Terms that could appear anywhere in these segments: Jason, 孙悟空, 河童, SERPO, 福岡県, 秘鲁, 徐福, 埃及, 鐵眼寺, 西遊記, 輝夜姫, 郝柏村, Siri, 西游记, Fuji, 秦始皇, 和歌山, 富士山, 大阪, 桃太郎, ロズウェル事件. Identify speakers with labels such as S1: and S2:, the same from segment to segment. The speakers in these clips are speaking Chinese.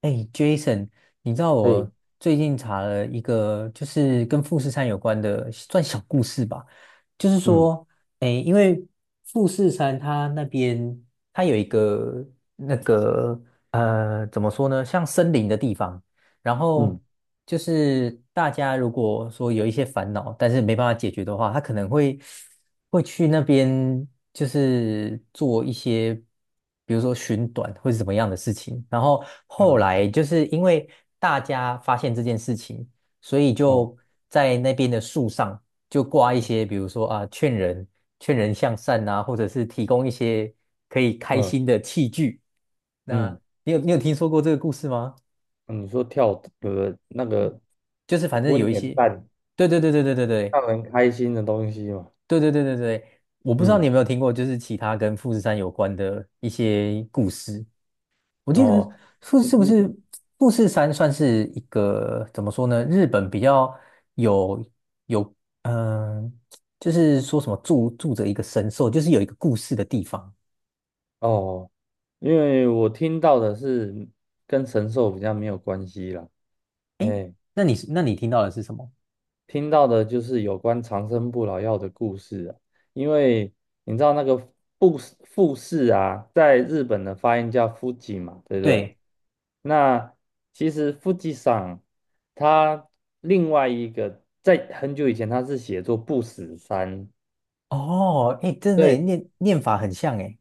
S1: 哎，Jason，你知道
S2: 嘿，
S1: 我最近查了一个，就是跟富士山有关的，算小故事吧。就是
S2: 嗯
S1: 说，哎，因为富士山它那边它有一个那个怎么说呢，像森林的地方，然后
S2: 嗯
S1: 就是大家如果说有一些烦恼，但是没办法解决的话，他可能会去那边，就是做一些，比如说寻短或是怎么样的事情。然后后
S2: 嗯
S1: 来就是因为大家发现这件事情，所以就
S2: 嗯
S1: 在那边的树上就挂一些，比如说啊，劝人向善啊，或者是提供一些可以开
S2: 嗯
S1: 心的器具。那
S2: 嗯。
S1: 你有听说过这个故事吗？
S2: 嗯你说跳那个
S1: 就是反正
S2: 温
S1: 有一
S2: 泉
S1: 些，
S2: 蛋
S1: 对对对对对对对
S2: 让人开心的东西嘛？
S1: 对对对对对，我不知道你
S2: 嗯，
S1: 有没有听过，就是其他跟富士山有关的一些故事。我记得
S2: 哦，你
S1: 是不
S2: 你
S1: 是富士山算是一个怎么说呢？日本比较有有嗯、呃就是说什么住着一个神兽，就是有一个故事的地方。
S2: 哦，因为我听到的是跟神兽比较没有关系啦，哎，
S1: 那你听到的是什么？
S2: 听到的就是有关长生不老药的故事啊。因为你知道那个富士富士啊，在日本的发音叫 f u 嘛，对不对？
S1: 对，
S2: 那其实 Fuji 上它另外一个在很久以前它是写作不死山。
S1: 哦，哎，真的耶
S2: 对
S1: 念法很像哎，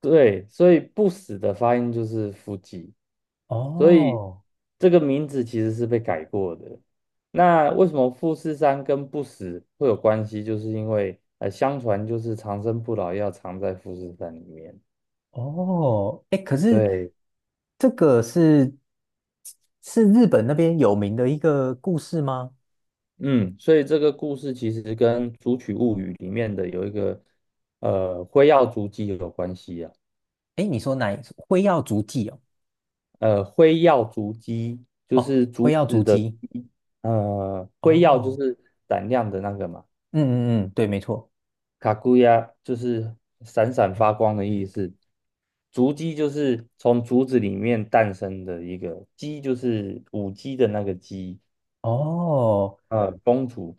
S2: 对，所以不死的发音就是 f u。 所以
S1: 哦。
S2: 这个名字其实是被改过的。那为什么富士山跟不死会有关系？就是因为相传就是长生不老药藏在富士山里面。
S1: 哦，哎，可是
S2: 对，
S1: 这个是日本那边有名的一个故事吗？
S2: 嗯，所以这个故事其实跟《竹取物语》里面的有一个辉耀竹鸡有关系啊。
S1: 哎，你说哪一？辉耀足迹哦，
S2: 辉耀竹鸡就
S1: 哦，
S2: 是
S1: 辉
S2: 竹
S1: 耀
S2: 子
S1: 足
S2: 的
S1: 迹，
S2: 鸡。辉耀就
S1: 哦，
S2: 是胆量的那个嘛。
S1: 嗯嗯嗯，对，没错，
S2: 卡古亚就是闪闪发光的意思，竹鸡就是从竹子里面诞生的一个鸡，就是舞鸡的那个鸡。
S1: 哦，
S2: 公主，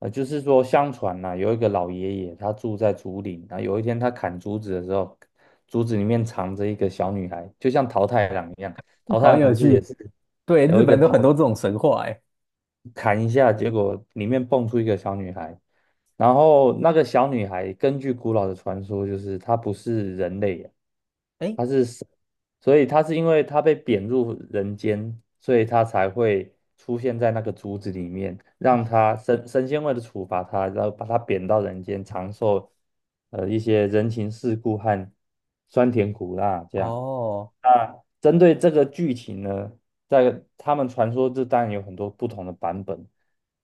S2: 就是说相传呐、有一个老爷爷他住在竹林，然后有一天他砍竹子的时候，竹子里面藏着一个小女孩，就像桃太郎一样。桃太
S1: 好
S2: 郎
S1: 有
S2: 不是也
S1: 趣，
S2: 是
S1: 对，日
S2: 有一个
S1: 本都很多
S2: 桃。
S1: 这种神话，哎，
S2: 砍一下，结果里面蹦出一个小女孩。然后那个小女孩根据古老的传说，就是她不是人类啊，
S1: 哎，
S2: 她是神，所以她是因为她被贬入人间，所以她才会出现在那个竹子里面，让她神仙为了处罚她，然后把她贬到人间，尝受一些人情世故和酸甜苦辣这样。
S1: 哦，
S2: 那针对这个剧情呢，在他们传说这当然有很多不同的版本，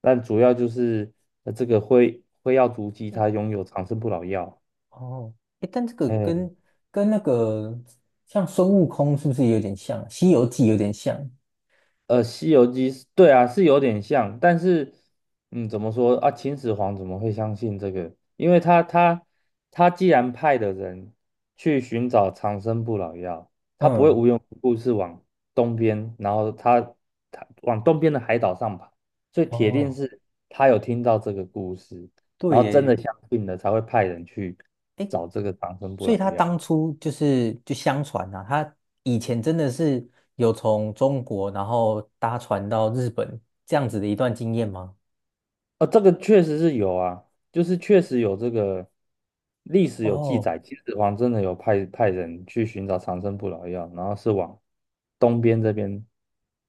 S2: 但主要就是这个辉耀足迹
S1: 哎，
S2: 它拥有长生不老药。
S1: 哦，哎，但这个
S2: 哎，
S1: 跟那个像孙悟空是不是有点像？《西游记》有点像，
S2: 《西游记》是对啊，是有点像。但是，嗯，怎么说啊？秦始皇怎么会相信这个？因为他既然派的人去寻找长生不老药，他不会
S1: 嗯，
S2: 无缘无故是往东边，然后他往东边的海岛上跑，所以铁定
S1: 哦，
S2: 是他有听到这个故事，
S1: 对
S2: 然后真的
S1: 耶。
S2: 相信了，才会派人去找这个长生不
S1: 所以
S2: 老
S1: 他
S2: 药。
S1: 当初就是就相传啊，他以前真的是有从中国然后搭船到日本这样子的一段经验吗？
S2: 这个确实是有啊，就是确实有这个历史有记
S1: 哦
S2: 载，秦始皇真的有派人去寻找长生不老药，然后是往东边这边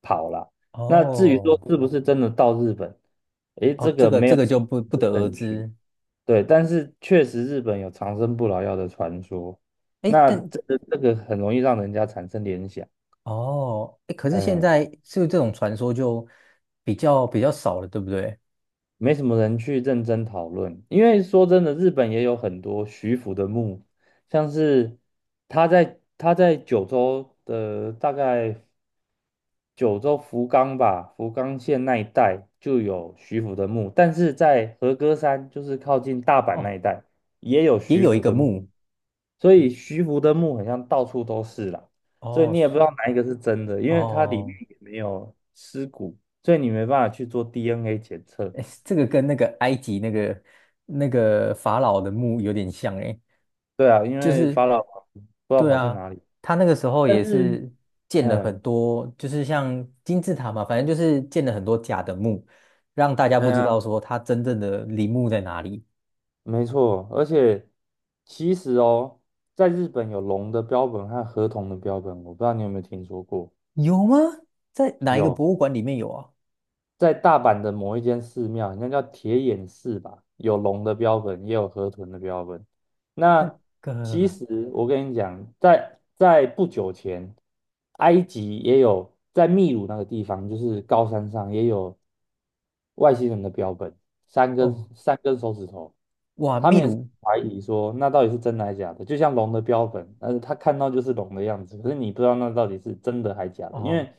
S2: 跑了。那至于说
S1: 哦
S2: 是不是真的到日本，诶，这
S1: 哦，这
S2: 个
S1: 个
S2: 没
S1: 这
S2: 有
S1: 个
S2: 实
S1: 就不不
S2: 质
S1: 得
S2: 的
S1: 而
S2: 证据。
S1: 知。
S2: 对，但是确实日本有长生不老药的传说，
S1: 哎，
S2: 那
S1: 但
S2: 这个很容易让人家产生联想。
S1: 哦哎，可是现
S2: 嗯、
S1: 在是不是这种传说就比较少了，对不对？
S2: 没什么人去认真讨论，因为说真的，日本也有很多徐福的墓，像是他在九州的大概九州福冈吧，福冈县那一带就有徐福的墓，但是在和歌山，就是靠近大阪那
S1: 哦，
S2: 一带也有
S1: 也
S2: 徐
S1: 有一
S2: 福
S1: 个
S2: 的墓，
S1: 墓
S2: 所以徐福的墓好像到处都是啦，所以
S1: 哦，
S2: 你也不知道
S1: 是
S2: 哪一个是真的，因为它里面
S1: 哦，
S2: 也没有尸骨，所以你没办法去做 DNA 检测。
S1: 哎，这个跟那个埃及那个法老的墓有点像哎。
S2: 对啊，因
S1: 就
S2: 为
S1: 是
S2: 法老不知道
S1: 对
S2: 跑去
S1: 啊，
S2: 哪里。
S1: 他那个时候
S2: 但
S1: 也
S2: 是，
S1: 是建了很
S2: 嗯，
S1: 多，就是像金字塔嘛，反正就是建了很多假的墓，让大家
S2: 哎
S1: 不知
S2: 呀，
S1: 道说他真正的陵墓在哪里。
S2: 没错。而且其实哦，在日本有龙的标本和河童的标本，我不知道你有没有听说过？
S1: 有吗？在哪一个
S2: 有，
S1: 博物馆里面有啊？
S2: 在大阪的某一间寺庙，应该叫铁眼寺吧，有龙的标本，也有河豚的标本。
S1: 那
S2: 那其
S1: 个
S2: 实我跟你讲，在不久前，埃及也有。在秘鲁那个地方，就是高山上也有外星人的标本，三根
S1: 哦，
S2: 三根手指头。
S1: 哇，
S2: 他
S1: 秘
S2: 们也是
S1: 鲁
S2: 怀疑说那到底是真的还是假的，就像龙的标本，但是他看到就是龙的样子，可是你不知道那到底是真的还假的。因
S1: 哦，
S2: 为。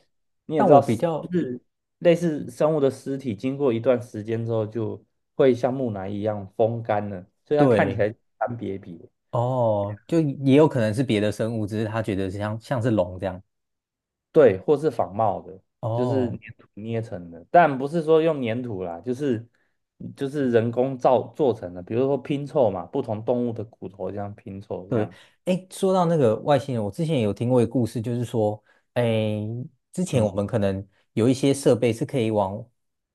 S2: 你也
S1: 但
S2: 知
S1: 我
S2: 道，
S1: 比
S2: 就
S1: 较
S2: 是类似生物的尸体，经过一段时间之后，就会像木乃伊一样风干了，所以它看起
S1: 对
S2: 来干瘪瘪。
S1: 哦，就也有可能是别的生物，只是他觉得像是龙这样
S2: 对，或是仿冒的，就是
S1: 哦。
S2: 粘土捏成的，但不是说用粘土啦，就是人工造做成的，比如说拼凑嘛，不同动物的骨头这样拼凑这
S1: 对，
S2: 样。
S1: 哎，说到那个外星人，我之前也有听过一个故事，就是说，哎，之前我
S2: 嗯
S1: 们可能有一些设备是可以往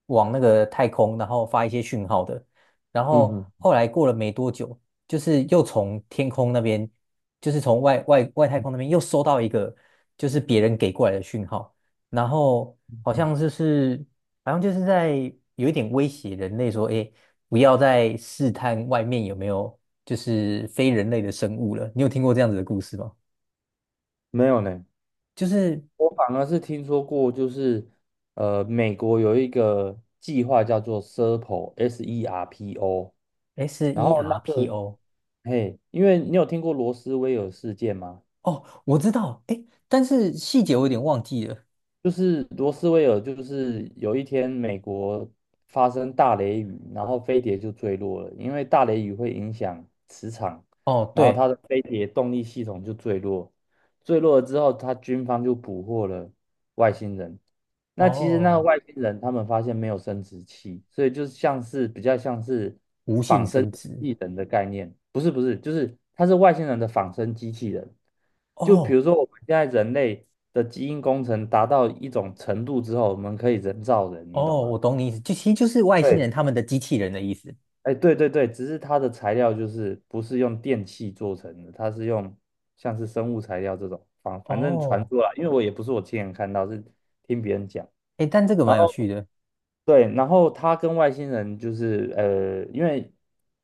S1: 往那个太空，然后发一些讯号的，然后
S2: 嗯嗯。
S1: 后来过了没多久，就是又从天空那边，就是从外太空那边又收到一个，就是别人给过来的讯号，然后好
S2: 嗯
S1: 像就是好像就是在有一点威胁人类说，哎，不要再试探外面有没有。就是非人类的生物了。你有听过这样子的故事吗？
S2: 没有呢。
S1: 就是
S2: 我反而是听说过，就是美国有一个计划叫做 SERPO，S E R P O，S E R P O。
S1: S
S2: 然
S1: E
S2: 后那
S1: R P
S2: 个，
S1: O。
S2: 嘿，因为你有听过罗斯威尔事件吗？
S1: 哦，我知道，哎，但是细节我有点忘记了。
S2: 就是罗斯威尔，就是有一天美国发生大雷雨，然后飞碟就坠落了，因为大雷雨会影响磁场，
S1: 哦，
S2: 然后
S1: 对，
S2: 它的飞碟动力系统就坠落。坠落了之后，它军方就捕获了外星人。那其实那个
S1: 哦，
S2: 外星人他们发现没有生殖器，所以就是像是比较像是
S1: 无性
S2: 仿生
S1: 生
S2: 机
S1: 殖。
S2: 器人的概念。不是不是，就是它是外星人的仿生机器人。就比
S1: 哦
S2: 如说我们现在人类的基因工程达到一种程度之后，我们可以人造人，你懂
S1: 哦，
S2: 吗？
S1: 我懂你意思，就其实就是外星人
S2: 对，
S1: 他们的机器人的意思。
S2: 哎，对对对，只是它的材料就是不是用电器做成的，它是用像是生物材料这种，反正传
S1: 哦，
S2: 出来，因为我也不是我亲眼看到，是听别人讲。
S1: 哎，但这个
S2: 然
S1: 蛮有
S2: 后
S1: 趣的。
S2: 对，然后他跟外星人就是因为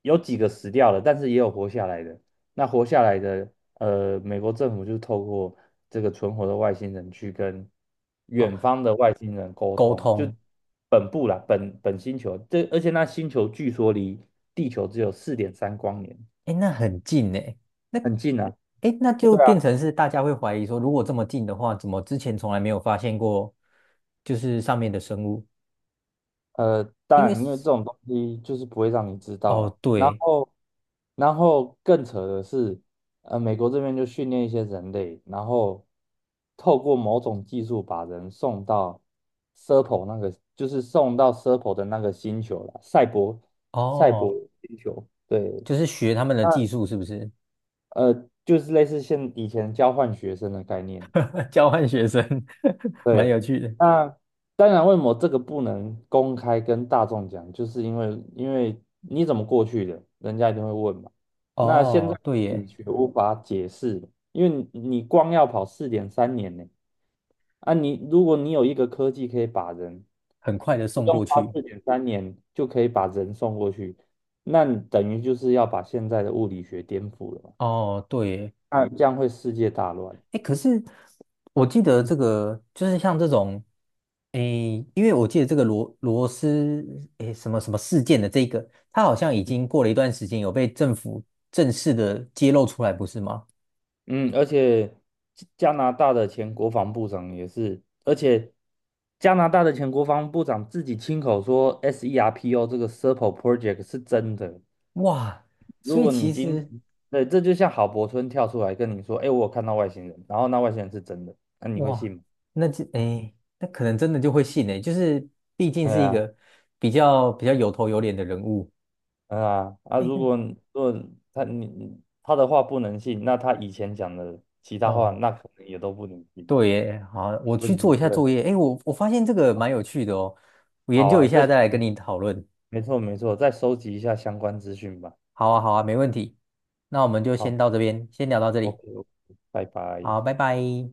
S2: 有几个死掉了，但是也有活下来的。那活下来的，美国政府就透过这个存活的外星人去跟远
S1: 哦，
S2: 方的外星人沟
S1: 沟
S2: 通，就
S1: 通，
S2: 本部啦，本星球，这而且那星球据说离地球只有4.3光年，
S1: 哎，那很近哎。那
S2: 很近啊。
S1: 哎，那就变成是大家会怀疑说，如果这么近的话，怎么之前从来没有发现过，就是上面的生物？
S2: 当
S1: 因为
S2: 然，因为这种东西就是不会让你知道
S1: 哦，
S2: 了。然
S1: 对，
S2: 后，然后更扯的是，美国这边就训练一些人类，然后透过某种技术把人送到 Serpo 那个，就是送到 Serpo 的那个星球了，赛博
S1: 哦，
S2: 星球。对，
S1: 就是学他们的技
S2: 那
S1: 术，是不是？
S2: 就是类似现以前交换学生的概念。
S1: 交换学生，蛮
S2: 对，
S1: 有趣的。
S2: 那当然，为什么这个不能公开跟大众讲？就是因为你怎么过去的，人家一定会问嘛。那现
S1: 哦，
S2: 在
S1: 对
S2: 理
S1: 耶，
S2: 学无法解释了，因为你光要跑四点三年呢。啊你，如果你有一个科技可以把人
S1: 很快的
S2: 不
S1: 送
S2: 用
S1: 过
S2: 花
S1: 去。
S2: 四点三年就可以把人送过去，那你等于就是要把现在的物理学颠覆了嘛？
S1: 哦，对耶，
S2: 那这样会世界大乱。
S1: 哎，可是我记得
S2: 嗯
S1: 这个，就是像这种，诶，因为我记得这个罗斯，诶，什么什么事件的这个，它好像已经过了一段时间，有被政府正式的揭露出来，不是吗？
S2: 嗯，而且加加拿大的前国防部长也是，而且加拿大的前国防部长自己亲口说 SERPO 这个 Serpo Project 是真的。
S1: 哇，所
S2: 如
S1: 以
S2: 果你
S1: 其
S2: 今，
S1: 实。
S2: 对，这就像郝柏村跳出来跟你说，哎，我有看到外星人，然后那外星人是真的，那、你会
S1: 哇，
S2: 信吗？
S1: 那就诶，那可能真的就会信诶，就是毕竟
S2: 哎
S1: 是一
S2: 呀，
S1: 个比较有头有脸的人物。
S2: 哎呀，啊，
S1: 诶，
S2: 如 果他的话不能信，那他以前讲的其
S1: 那
S2: 他话，
S1: 哦，
S2: 那可能也都不能信，
S1: 对耶，好，我去
S2: 问题
S1: 做一
S2: 就
S1: 下
S2: 会
S1: 作
S2: 很
S1: 业。诶，我发现这个
S2: 大。
S1: 蛮有趣的哦，我研
S2: 好
S1: 究
S2: 啊，
S1: 一下再
S2: 这。
S1: 来跟你讨论。
S2: 没错没错，再收集一下相关资讯吧。
S1: 好啊，好啊，没问题。那我们就先
S2: 好
S1: 到这边，先聊到这里。
S2: ，OK，OK，拜拜。
S1: 好，拜拜。